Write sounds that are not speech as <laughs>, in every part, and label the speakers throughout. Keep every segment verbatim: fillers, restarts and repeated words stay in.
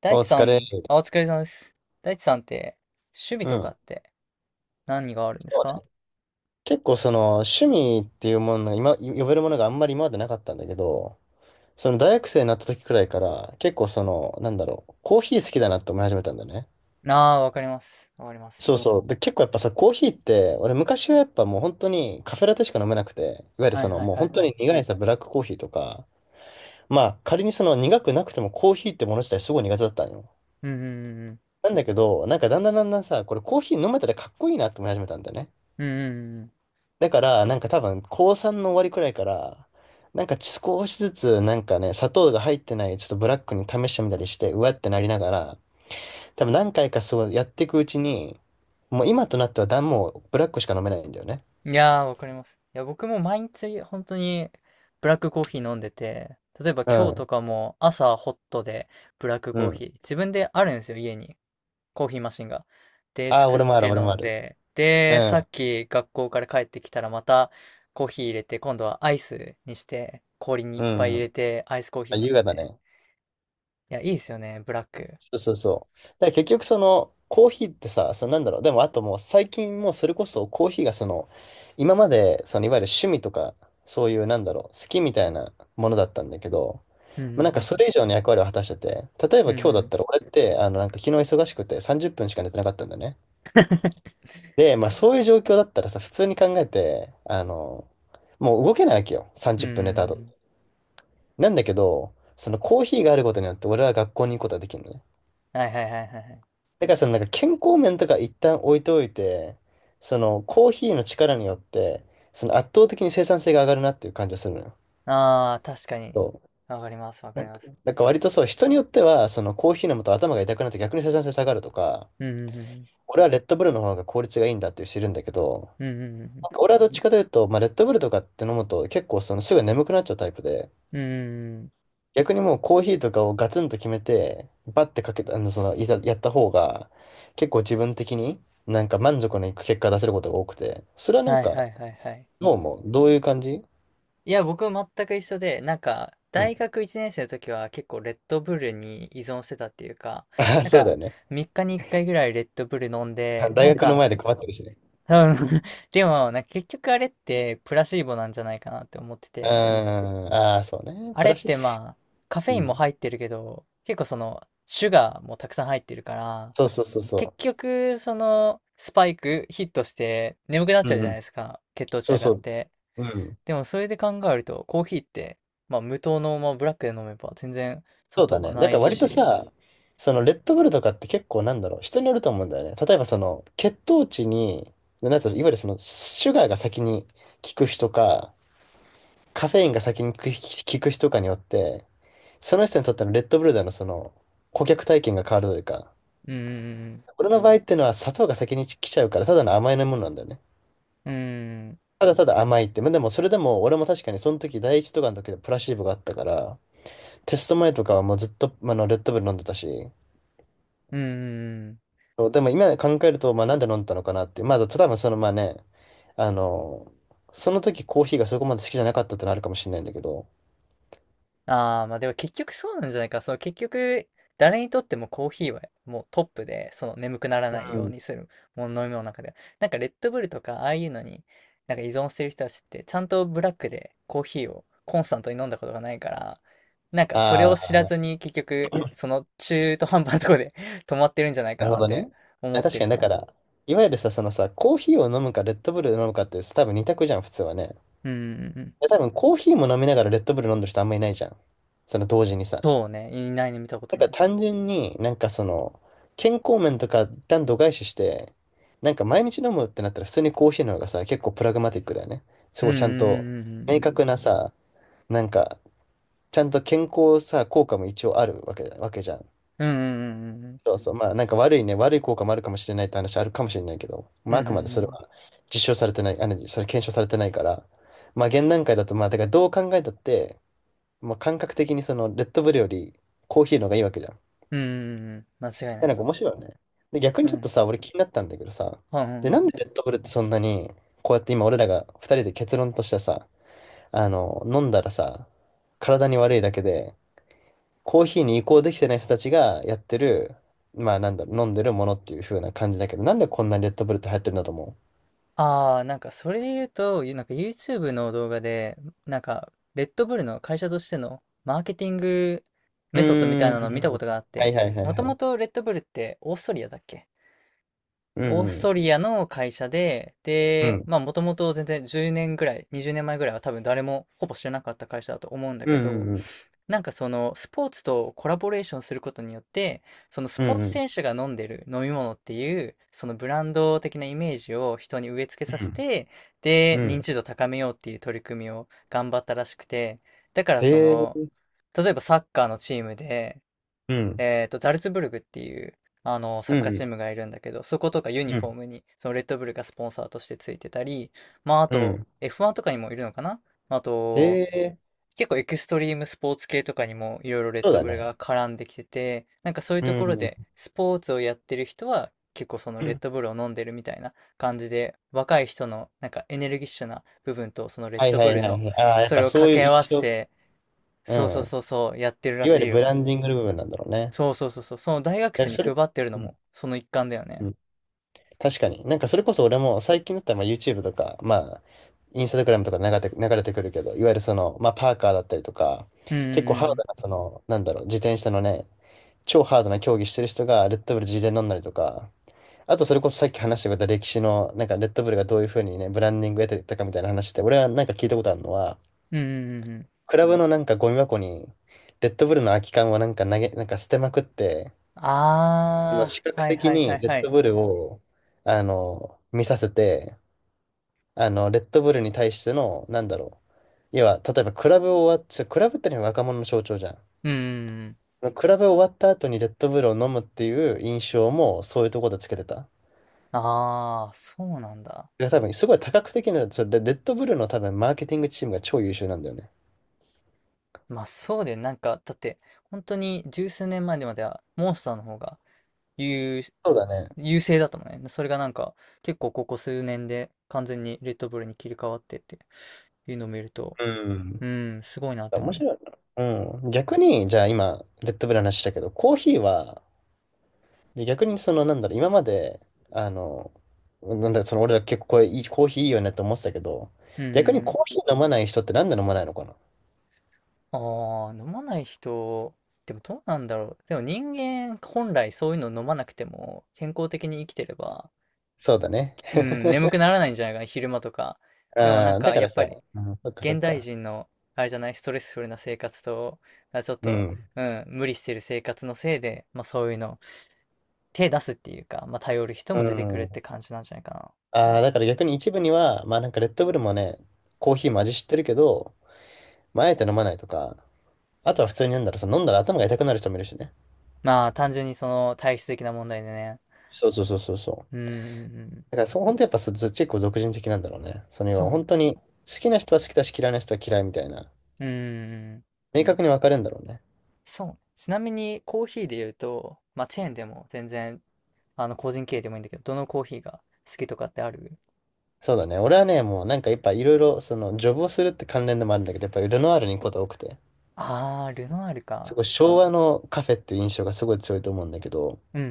Speaker 1: 大
Speaker 2: お
Speaker 1: 地さ
Speaker 2: 疲れ。
Speaker 1: ん、あ、お疲れ様です。大地さんって、趣味
Speaker 2: う
Speaker 1: とか
Speaker 2: ん。
Speaker 1: って何があるんです
Speaker 2: そう
Speaker 1: か？
Speaker 2: ね、結構その趣味っていうものが今、呼べるものがあんまり今までなかったんだけど、その大学生になった時くらいから結構その、なんだろう、コーヒー好きだなって思い始めたんだよね。
Speaker 1: ああー、わかります。わかりま
Speaker 2: そ
Speaker 1: す。
Speaker 2: うそう。で、結構やっぱさ、コーヒーって、俺昔はやっぱもう本当にカフェラテしか飲めなくて、いわゆる
Speaker 1: はい
Speaker 2: その
Speaker 1: はい
Speaker 2: もう
Speaker 1: はい
Speaker 2: 本当
Speaker 1: はい。
Speaker 2: に苦いさ、ブラックコーヒーとか、まあ仮にその苦くなくてもコーヒーってもの自体すごい苦手だったんよ。
Speaker 1: うんうんうんうん。
Speaker 2: なんだけど、なんかだんだんだんだんさ、これコーヒー飲めたらかっこいいなって思い始めたんだよね。
Speaker 1: うんうん
Speaker 2: だから、なんか多分、高さんの終わりくらいから、なんか少しずつ、なんかね、砂糖が入ってない、ちょっとブラックに試してみたりして、うわってなりながら、多分何回かそうやっていくうちに、もう今となってはだ、もうブラックしか飲めないんだよね。
Speaker 1: うん。いやー、わかります。いや、僕も毎日本当にブラックコーヒー飲んでて、例えば
Speaker 2: う
Speaker 1: 今日と
Speaker 2: ん、
Speaker 1: かも朝ホットでブラック
Speaker 2: う
Speaker 1: コーヒ
Speaker 2: ん。
Speaker 1: ー、自分であるんですよ、家に。コーヒーマシンが。で、
Speaker 2: ああ、
Speaker 1: 作っ
Speaker 2: 俺もあ
Speaker 1: て
Speaker 2: る、俺
Speaker 1: 飲
Speaker 2: もあ
Speaker 1: ん
Speaker 2: る。
Speaker 1: で、
Speaker 2: う
Speaker 1: で、さ
Speaker 2: ん、
Speaker 1: っき学校から帰ってきたらまたコーヒー入れて、今度はアイスにして、氷にい
Speaker 2: う
Speaker 1: っぱい入
Speaker 2: ん。
Speaker 1: れて、アイスコーヒ
Speaker 2: あ、
Speaker 1: ー飲
Speaker 2: 優
Speaker 1: ん
Speaker 2: 雅だ
Speaker 1: で。
Speaker 2: ね。
Speaker 1: いや、いいですよね、ブラック。
Speaker 2: そうそうそう。だから結局そのコーヒーってさ、そのなんだろう、でもあともう最近もうそれこそコーヒーがその、今までそのいわゆる趣味とか、そういうなんだろう、好きみたいなものだったんだけど、
Speaker 1: うんう
Speaker 2: まあ、なんかそ
Speaker 1: ん
Speaker 2: れ以上の役割を果たしてて、例え
Speaker 1: う
Speaker 2: ば
Speaker 1: んうん。う
Speaker 2: 今日
Speaker 1: ん
Speaker 2: だ
Speaker 1: う
Speaker 2: っ
Speaker 1: ん。
Speaker 2: たら俺ってあのなんか昨日忙しくてさんじゅっぷんしか寝てなかったんだよね。
Speaker 1: <laughs>
Speaker 2: で、まあそういう状況だったらさ、普通に考えて、あの、もう動けないわけよ、
Speaker 1: うんう
Speaker 2: 30
Speaker 1: ん
Speaker 2: 分寝た
Speaker 1: う
Speaker 2: 後。
Speaker 1: ん。
Speaker 2: なんだけど、そのコーヒーがあることによって俺は学校に行くことができるのね。
Speaker 1: はいはいはいはいはい。
Speaker 2: だからそのなんか健康面とか一旦置いておいて、そのコーヒーの力によって、その圧倒的に生産性が上がるなっていう感じがするのよ。
Speaker 1: ああ、確かに。
Speaker 2: そう。
Speaker 1: わかります、わか
Speaker 2: な
Speaker 1: り
Speaker 2: ん
Speaker 1: ま
Speaker 2: か、
Speaker 1: す。
Speaker 2: なんか割とそう、人によっては、そのコーヒー飲むと頭が痛くなって逆に生産性下がるとか、
Speaker 1: うんうんうんうん。
Speaker 2: 俺はレッドブルの方が効率がいいんだっていう人いるんだけど、
Speaker 1: うんうんうんうん。
Speaker 2: なんか俺はどっちかというと、まあ、レッドブルとかって飲むと結構そのすぐ眠くなっちゃうタイプで、
Speaker 1: うんうんうん。
Speaker 2: 逆にもうコーヒーとかをガツンと決めて、バッてかけた、あの、その、いざやった方が、結構自分的になんか満足のいく結果出せることが多くて、それはなん
Speaker 1: はいは
Speaker 2: か、
Speaker 1: いはいはい。
Speaker 2: どうも、どういう感じ？
Speaker 1: いや、僕も全く一緒で、なんか、
Speaker 2: うん。
Speaker 1: 大学いちねん生の時は結構レッドブルに依存してたっていうか、
Speaker 2: <laughs> あ、
Speaker 1: なん
Speaker 2: そうだよ
Speaker 1: か、
Speaker 2: ね。
Speaker 1: みっかにいっかいぐらいレッドブル飲ん
Speaker 2: あ、
Speaker 1: で、
Speaker 2: 大
Speaker 1: なん
Speaker 2: 学の
Speaker 1: か、
Speaker 2: 前で配ってるしね。
Speaker 1: うん。 <laughs> でも、なんか結局あれってプラシーボなんじゃないかなって思って
Speaker 2: <laughs> うん、
Speaker 1: て、
Speaker 2: ああ、そうね。
Speaker 1: あ
Speaker 2: プ
Speaker 1: れっ
Speaker 2: ラス、
Speaker 1: てまあ、カフ
Speaker 2: う
Speaker 1: ェインも
Speaker 2: ん。
Speaker 1: 入ってるけど、結構その、シュガーもたくさん入ってるから、
Speaker 2: そうそうそう
Speaker 1: 結
Speaker 2: そ
Speaker 1: 局、その、スパイクヒットして眠くなっ
Speaker 2: う。
Speaker 1: ち
Speaker 2: う
Speaker 1: ゃう
Speaker 2: ん
Speaker 1: じ
Speaker 2: う
Speaker 1: ゃない
Speaker 2: ん。
Speaker 1: ですか、血糖値
Speaker 2: そう
Speaker 1: 上が
Speaker 2: そ
Speaker 1: っ
Speaker 2: う。
Speaker 1: て。
Speaker 2: うん。
Speaker 1: でもそれで考えると、コーヒーって、まあ無糖の、まあ、ブラックで飲めば全然砂
Speaker 2: そう
Speaker 1: 糖
Speaker 2: だ
Speaker 1: は
Speaker 2: ね。だ
Speaker 1: な
Speaker 2: か
Speaker 1: い
Speaker 2: ら割と
Speaker 1: し、
Speaker 2: さ、そのレッドブルとかって結構なんだろう、人によると思うんだよね。例えばその血糖値に、なんつうのいわゆるそのシュガーが先に効く人か、カフェインが先に効く効く人かによって、その人にとってのレッドブルでのその顧客体験が変わるというか、
Speaker 1: うーん、
Speaker 2: 俺の場合ってのは砂糖が先に来ちゃうから、ただの甘いものなんだよね。
Speaker 1: うーん、
Speaker 2: ただただ甘いって。まあでもそれでも俺も確かにその時第一とかの時でプラシーボがあったから、テスト前とかはもうずっとあのレッドブル飲んでたし、
Speaker 1: うーん、
Speaker 2: そうでも今考えると、まあなんで飲んだのかなって。まあ多分そのまあね、あの、その時コーヒーがそこまで好きじゃなかったってのあるかもしれないんだけど。
Speaker 1: ああ、まあでも結局そうなんじゃないか。その結局、誰にとってもコーヒーはもうトップで、その眠くならない
Speaker 2: う
Speaker 1: よう
Speaker 2: ん。
Speaker 1: にするもの、飲み物の中では。なんかレッドブルとか、ああいうのに、なんか依存してる人たちって、ちゃんとブラックでコーヒーをコンスタントに飲んだことがないから、なんかそれを
Speaker 2: あ
Speaker 1: 知ら
Speaker 2: あ、
Speaker 1: ずに結局、その中途半端なとこで <laughs> 止まってるんじゃない
Speaker 2: な
Speaker 1: か
Speaker 2: るほ
Speaker 1: なっ
Speaker 2: ど
Speaker 1: て
Speaker 2: ね。
Speaker 1: 思
Speaker 2: あ、
Speaker 1: って
Speaker 2: 確か
Speaker 1: る
Speaker 2: に
Speaker 1: か
Speaker 2: だか
Speaker 1: な。
Speaker 2: ら、いわゆるさ、そのさ、コーヒーを飲むかレッドブルを飲むかってさ多分にたくじゃん、普通はね。
Speaker 1: うんうんうんうん。
Speaker 2: で多分コーヒーも飲みながらレッドブル飲んでる人あんまいないじゃん。その同時にさ。
Speaker 1: そうね。いないね、見たこ
Speaker 2: な
Speaker 1: と
Speaker 2: ん
Speaker 1: な
Speaker 2: か
Speaker 1: い。
Speaker 2: 単純になんかその、健康面とか一旦度外視して、なんか毎日飲むってなったら普通にコーヒーの方がさ、結構プラグマティックだよね。す
Speaker 1: うん
Speaker 2: ご
Speaker 1: う
Speaker 2: い
Speaker 1: んうんう
Speaker 2: ちゃんと
Speaker 1: んうんう
Speaker 2: 明
Speaker 1: ん。
Speaker 2: 確なさ、なんかちゃんと健康さ、効果も一応あるわけだ、わけじゃん。
Speaker 1: うんうんうんうんうん。
Speaker 2: そうそう。まあなんか悪いね、悪い効果もあるかもしれないって話あるかもしれないけど、
Speaker 1: うん
Speaker 2: まあ
Speaker 1: う
Speaker 2: あくまでそれ
Speaker 1: ん
Speaker 2: は実証されてない、あの、それ検証されてないから、まあ現段階だとまあ、だからどう考えたって、まあ感覚的にそのレッドブルよりコーヒーの方がいいわけじゃん。
Speaker 1: うんうん。間違い
Speaker 2: で
Speaker 1: ない
Speaker 2: なんか
Speaker 1: ね。
Speaker 2: 面白いよね。で、逆
Speaker 1: う
Speaker 2: にちょっと
Speaker 1: ん。
Speaker 2: さ、俺気になったんだけどさ、
Speaker 1: はんはん
Speaker 2: で、
Speaker 1: はん
Speaker 2: なん
Speaker 1: はん。
Speaker 2: でレッドブルってそんなに、こうやって今俺らがふたりで結論としてさ、あの、飲んだらさ、体に悪いだけで、コーヒーに移行できてない人たちがやってる、まあなんだろう、飲んでるものっていう風な感じだけど、なんでこんなにレッドブルって流行ってるんだと思
Speaker 1: ああ、なんかそれで言うと、ゆなんか YouTube の動画で、なんか、レッドブルの会社としてのマーケティング
Speaker 2: う？う
Speaker 1: メソッドみたい
Speaker 2: ー
Speaker 1: なのを見たこ
Speaker 2: ん。
Speaker 1: とがあっ
Speaker 2: は
Speaker 1: て、
Speaker 2: いはいはい
Speaker 1: も
Speaker 2: は
Speaker 1: とも
Speaker 2: い。
Speaker 1: とレッドブルってオーストリアだっけ？
Speaker 2: う
Speaker 1: オース
Speaker 2: んう
Speaker 1: ト
Speaker 2: ん。
Speaker 1: リアの会社で、
Speaker 2: う
Speaker 1: で、
Speaker 2: ん。
Speaker 1: まあもともと全然じゅうねんぐらい、にじゅうねんまえぐらいは多分誰もほぼ知らなかった会社だと思うんだ
Speaker 2: う
Speaker 1: け
Speaker 2: んうん
Speaker 1: ど、
Speaker 2: うん。
Speaker 1: なんかそのスポーツとコラボレーションすることによって、そのス
Speaker 2: う
Speaker 1: ポー
Speaker 2: んう
Speaker 1: ツ
Speaker 2: ん
Speaker 1: 選手が飲んでる飲み物っていう、そのブランド的なイメージを人に植え付け
Speaker 2: う
Speaker 1: させ
Speaker 2: ん。
Speaker 1: て、で、
Speaker 2: う
Speaker 1: 認
Speaker 2: ん。
Speaker 1: 知度高めようっていう取り組みを頑張ったらしくて、だからそ
Speaker 2: へ
Speaker 1: の、
Speaker 2: え。
Speaker 1: 例えばサッカーのチームで、
Speaker 2: うん。
Speaker 1: えっと、ザルツブルグっていう、あの、サ
Speaker 2: う
Speaker 1: ッカーチー
Speaker 2: ん
Speaker 1: ムがいるんだけど、そことかユ
Speaker 2: う
Speaker 1: ニ
Speaker 2: ん。う
Speaker 1: フォー
Speaker 2: ん。
Speaker 1: ムに、そのレッドブルがスポンサーとしてついてたり、まあ、あ
Speaker 2: う
Speaker 1: と、
Speaker 2: ん。
Speaker 1: エフワン とかにもいるのかな？まあ
Speaker 2: へ
Speaker 1: と、
Speaker 2: え。
Speaker 1: 結構エクストリームスポーツ系とかにもいろいろレッ
Speaker 2: そう
Speaker 1: ド
Speaker 2: だ
Speaker 1: ブル
Speaker 2: ね。
Speaker 1: が絡んできてて、なんかそういう
Speaker 2: う
Speaker 1: ところ
Speaker 2: ん。
Speaker 1: でスポーツをやってる人は結構そのレッドブルを飲んでるみたいな感じで、若い人のなんかエネルギッシュな部分とそのレッ
Speaker 2: はい
Speaker 1: ド
Speaker 2: は
Speaker 1: ブ
Speaker 2: い
Speaker 1: ル
Speaker 2: は
Speaker 1: の
Speaker 2: いはい。ああ、やっ
Speaker 1: そ
Speaker 2: ぱ
Speaker 1: れを
Speaker 2: そ
Speaker 1: 掛
Speaker 2: うい
Speaker 1: け
Speaker 2: う
Speaker 1: 合わ
Speaker 2: 印
Speaker 1: せ
Speaker 2: 象。
Speaker 1: て、
Speaker 2: う
Speaker 1: そうそう
Speaker 2: ん。
Speaker 1: そうそうやってるら
Speaker 2: いわゆ
Speaker 1: し
Speaker 2: る
Speaker 1: い
Speaker 2: ブラ
Speaker 1: よ。
Speaker 2: ンディングの部分なんだろうね。
Speaker 1: そうそうそうそう、その大学
Speaker 2: だ
Speaker 1: 生
Speaker 2: から
Speaker 1: に
Speaker 2: それ、
Speaker 1: 配ってるの
Speaker 2: うん
Speaker 1: もその一環だよ
Speaker 2: う
Speaker 1: ね。
Speaker 2: ん。確かに。なんかそれこそ俺も最近だったらまあ YouTube とか、まあ、インスタグラムとか流れて、流れてくるけど、いわゆるその、まあパーカーだったりとか、
Speaker 1: うん
Speaker 2: 結構
Speaker 1: う
Speaker 2: ハード
Speaker 1: ん
Speaker 2: なその、なんだろう、自転車のね、超ハードな競技してる人がレッドブル自転乗んだりとか、あとそれこそさっき話してくれた歴史の、なんかレッドブルがどういうふうにね、ブランディングを得てたかみたいな話って、俺はなんか聞いたことあるのは、
Speaker 1: うんうん。うんうんうんうん。
Speaker 2: クラブのなんかゴミ箱に、レッドブルの空き缶をなんか投げ、なんか捨てまくって、あの
Speaker 1: あ
Speaker 2: 視
Speaker 1: あ、
Speaker 2: 覚
Speaker 1: はい
Speaker 2: 的
Speaker 1: はいは
Speaker 2: に
Speaker 1: い
Speaker 2: レ
Speaker 1: は
Speaker 2: ッ
Speaker 1: い。
Speaker 2: ドブルを、あの、見させて、あの、レッドブルに対しての、なんだろう。要は、例えばクラブを終わっちゃ、クラブってのは若者の象徴じゃ
Speaker 1: うんうんうん。
Speaker 2: ん。クラブ終わった後にレッドブルを飲むっていう印象もそういうところでつけてた。
Speaker 1: ああ、そうなんだ。
Speaker 2: いや多分すごい多角的な、それレレッドブルの多分マーケティングチームが超優秀なんだよね。
Speaker 1: まあそうだよ。なんか、だって、本当に十数年前までは、モンスターの方が優、
Speaker 2: そうだね。
Speaker 1: 優勢だったもんね。それがなんか、結構ここ数年で完全にレッドブルに切り替わってっていうのを見ると、
Speaker 2: うん。
Speaker 1: うん、すごいなって思
Speaker 2: 面
Speaker 1: う。
Speaker 2: 白いな。うん。逆に、じゃあ今、レッドブルの話したけど、コーヒーは、で逆にその、なんだろう、今まで、あの、なんだろう、その、俺ら結構これいい、コーヒーいいよねって思ってたけど、
Speaker 1: うんう
Speaker 2: 逆に
Speaker 1: んうん。
Speaker 2: コーヒー飲まない人ってなんで飲まないのかな？
Speaker 1: ああ、飲まない人、でもどうなんだろう。でも人間本来そういうの飲まなくても健康的に生きてれば、
Speaker 2: そうだね。
Speaker 1: うん、眠くならないんじゃないかな、昼間とか。でもな
Speaker 2: あ
Speaker 1: ん
Speaker 2: あ、だ
Speaker 1: か
Speaker 2: か
Speaker 1: やっ
Speaker 2: ら
Speaker 1: ぱ
Speaker 2: さ、
Speaker 1: り
Speaker 2: うん、そっかそっ
Speaker 1: 現代
Speaker 2: か。
Speaker 1: 人の、あれじゃない、ストレスフルな生活と、あ、ちょっ
Speaker 2: う
Speaker 1: と、
Speaker 2: ん。
Speaker 1: うん、無理してる生活のせいで、まあそういうの、手出すっていうか、まあ頼る人
Speaker 2: う
Speaker 1: も出てくるっ
Speaker 2: ん。
Speaker 1: て感じなんじゃないかな。
Speaker 2: ああ、だから逆に一部には、まあなんかレッドブルもね、コーヒーも味知ってるけど、まああえて飲まないとか、あとは普通になんだろう、その飲んだら頭が痛くなる人もいるしね。
Speaker 1: まあ単純にその体質的な問題でね。
Speaker 2: そうそうそうそうそ
Speaker 1: う
Speaker 2: う。
Speaker 1: ん、うんうん、
Speaker 2: だからそう、本当やっぱそ、ず結構俗人的なんだろうね。その
Speaker 1: そ
Speaker 2: 要
Speaker 1: う
Speaker 2: は本当
Speaker 1: ね。
Speaker 2: に好きな人は好きだし嫌いな人は嫌いみたいな。
Speaker 1: うんうんうん、
Speaker 2: 明確に分かれるんだろうね。
Speaker 1: そううんうんんそうちなみにコーヒーで言うと、まあチェーンでも全然、あの個人経営でもいいんだけど、どのコーヒーが好きとかってある？
Speaker 2: そうだね。俺はね、もうなんかやっぱいろいろ、その、ジョブをするって関連でもあるんだけど、やっぱルノアールに行くことが多くて、
Speaker 1: あー、ルノアール
Speaker 2: す
Speaker 1: か。
Speaker 2: ごい昭和のカフェっていう印象がすごい強いと思うんだけど、
Speaker 1: うんう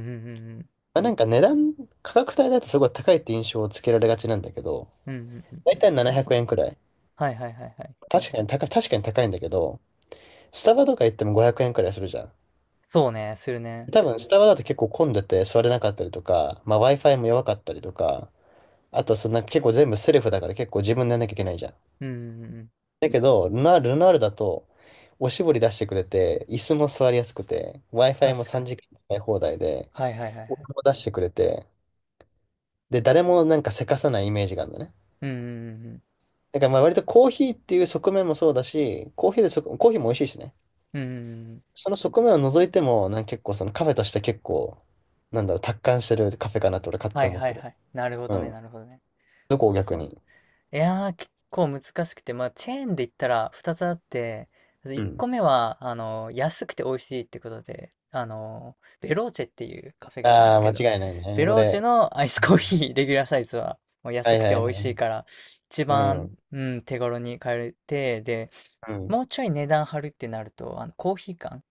Speaker 1: ん
Speaker 2: まあ、なんか値段、価格帯だとすごい高いって印象をつけられがちなんだけど、
Speaker 1: うんうん。うんうんうん
Speaker 2: だ
Speaker 1: う
Speaker 2: い
Speaker 1: ん。
Speaker 2: たいななひゃくえんくえんくらい。
Speaker 1: はいはいはいはい。
Speaker 2: 確かに高い、確かに高いんだけど、スタバとか行ってもごひゃくえんくえんくらいするじゃん。
Speaker 1: そうね、するね。
Speaker 2: 多分、スタバだと結構混んでて座れなかったりとか、まあ、Wi-Fi も弱かったりとか、あとそんな結構全部セルフだから結構自分でやんなきゃいけないじゃん。
Speaker 1: うんうんうん、
Speaker 2: だけど、ルナール、ルナールだと、おしぼり出してくれて、椅子も座りやすくて、Wi-Fi も
Speaker 1: 確か
Speaker 2: 3
Speaker 1: に。
Speaker 2: 時間使い放題で、
Speaker 1: はいはいはいは
Speaker 2: お
Speaker 1: い。
Speaker 2: 湯も出してくれて、で、誰もなんかせかさないイメージがあるんだね。
Speaker 1: うんうんうんうん。
Speaker 2: だからまあ割とコーヒーっていう側面もそうだし、コーヒーでそ、コーヒーも美味しいしね。
Speaker 1: うんうんうん。
Speaker 2: その側面を除いても、なんか結構そのカフェとして結構、なんだろう、達観してるカフェかなと俺勝
Speaker 1: は
Speaker 2: 手
Speaker 1: い
Speaker 2: に思っ
Speaker 1: は
Speaker 2: て
Speaker 1: い
Speaker 2: る。
Speaker 1: はい。なるほ
Speaker 2: う
Speaker 1: どね、
Speaker 2: ん。
Speaker 1: なるほどね。
Speaker 2: どこを
Speaker 1: あ、
Speaker 2: 逆
Speaker 1: そう。
Speaker 2: に？
Speaker 1: いやー、結構難しくて、まあ、チェーンで言ったらふたつあって、
Speaker 2: う
Speaker 1: 1
Speaker 2: ん。
Speaker 1: 個目は、あの、安くて美味しいってことで、あの、ベローチェっていうカフェがあるん
Speaker 2: あ
Speaker 1: だ
Speaker 2: あ、
Speaker 1: けど、
Speaker 2: 間違いないね。
Speaker 1: ベローチェ
Speaker 2: 俺。
Speaker 1: のアイス
Speaker 2: う
Speaker 1: コーヒ
Speaker 2: ん、
Speaker 1: ー、レギュラーサイズは、もう
Speaker 2: は
Speaker 1: 安
Speaker 2: い
Speaker 1: く
Speaker 2: は
Speaker 1: て美
Speaker 2: いは
Speaker 1: 味しい
Speaker 2: い。
Speaker 1: から、一
Speaker 2: う
Speaker 1: 番、
Speaker 2: ん。
Speaker 1: うん、手頃に買えて、で、
Speaker 2: うん。
Speaker 1: もうちょい値段張るってなると、あの、コーヒー缶。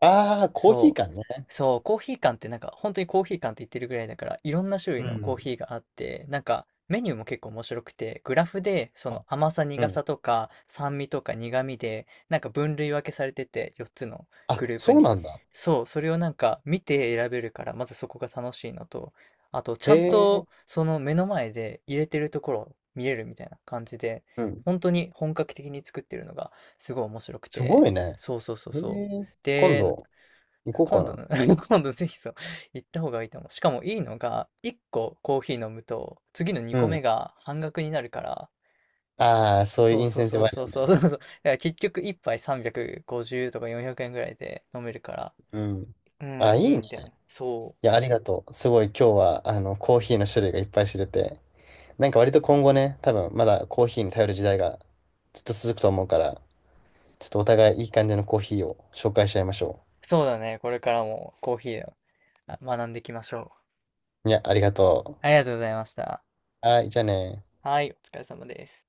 Speaker 2: ああ、コーヒー
Speaker 1: そう。
Speaker 2: 缶ね。
Speaker 1: そう、コーヒー缶って、なんか本当にコーヒー缶って言ってるぐらいだから、いろんな種類
Speaker 2: う
Speaker 1: のコー
Speaker 2: ん、
Speaker 1: ヒーがあって、なんかメニューも結構面白くて、グラフでそ
Speaker 2: あ、
Speaker 1: の甘さ
Speaker 2: う
Speaker 1: 苦
Speaker 2: ん。
Speaker 1: さとか酸味とか苦味でなんか分類分けされてて、よっつの
Speaker 2: あ、
Speaker 1: グループ
Speaker 2: そう
Speaker 1: に。
Speaker 2: なんだ。
Speaker 1: そう、それをなんか見て選べるから、まずそこが楽しいのと、あとち
Speaker 2: へ
Speaker 1: ゃん
Speaker 2: え。
Speaker 1: とその目の前で入れてるところを見れるみたいな感じで、
Speaker 2: うん。
Speaker 1: 本当に本格的に作ってるのがすごい面白く
Speaker 2: す
Speaker 1: て。
Speaker 2: ごいね。
Speaker 1: そうそうそう
Speaker 2: へ
Speaker 1: そう。
Speaker 2: え。今
Speaker 1: で、
Speaker 2: 度、行こう
Speaker 1: 今
Speaker 2: か
Speaker 1: 度
Speaker 2: な。
Speaker 1: の <laughs> 今度ぜひそう、行った方がいいと思う。しかもいいのが、いっこコーヒー飲むと、次の2
Speaker 2: う
Speaker 1: 個目
Speaker 2: ん。
Speaker 1: が半額になるから、
Speaker 2: ああ、そういう
Speaker 1: そ
Speaker 2: イ
Speaker 1: う
Speaker 2: ン
Speaker 1: そう
Speaker 2: センティ
Speaker 1: そ
Speaker 2: ブあ
Speaker 1: う
Speaker 2: る
Speaker 1: そ
Speaker 2: よ
Speaker 1: うそう
Speaker 2: ね。
Speaker 1: そうそう。だから結局いっぱいさんびゃくごじゅうとかよんひゃくえんぐらいで飲めるから、
Speaker 2: うん。
Speaker 1: う
Speaker 2: あ、
Speaker 1: ん、
Speaker 2: い
Speaker 1: い
Speaker 2: い
Speaker 1: い
Speaker 2: ね。
Speaker 1: んだよね。そ
Speaker 2: いや、ありがとう。すごい今日は、あの、コーヒーの種類がいっぱい知れて。なんか割と今後ね、多分まだコーヒーに頼る時代がずっと続くと思うから、ちょっとお互いいい感じのコーヒーを紹介しちゃいましょ
Speaker 1: う。そうだね。これからもコーヒーをあ学んでいきましょう。
Speaker 2: う。いや、ありがと
Speaker 1: ありがとうございました。
Speaker 2: う。はい、じゃあね。
Speaker 1: はい、お疲れ様です。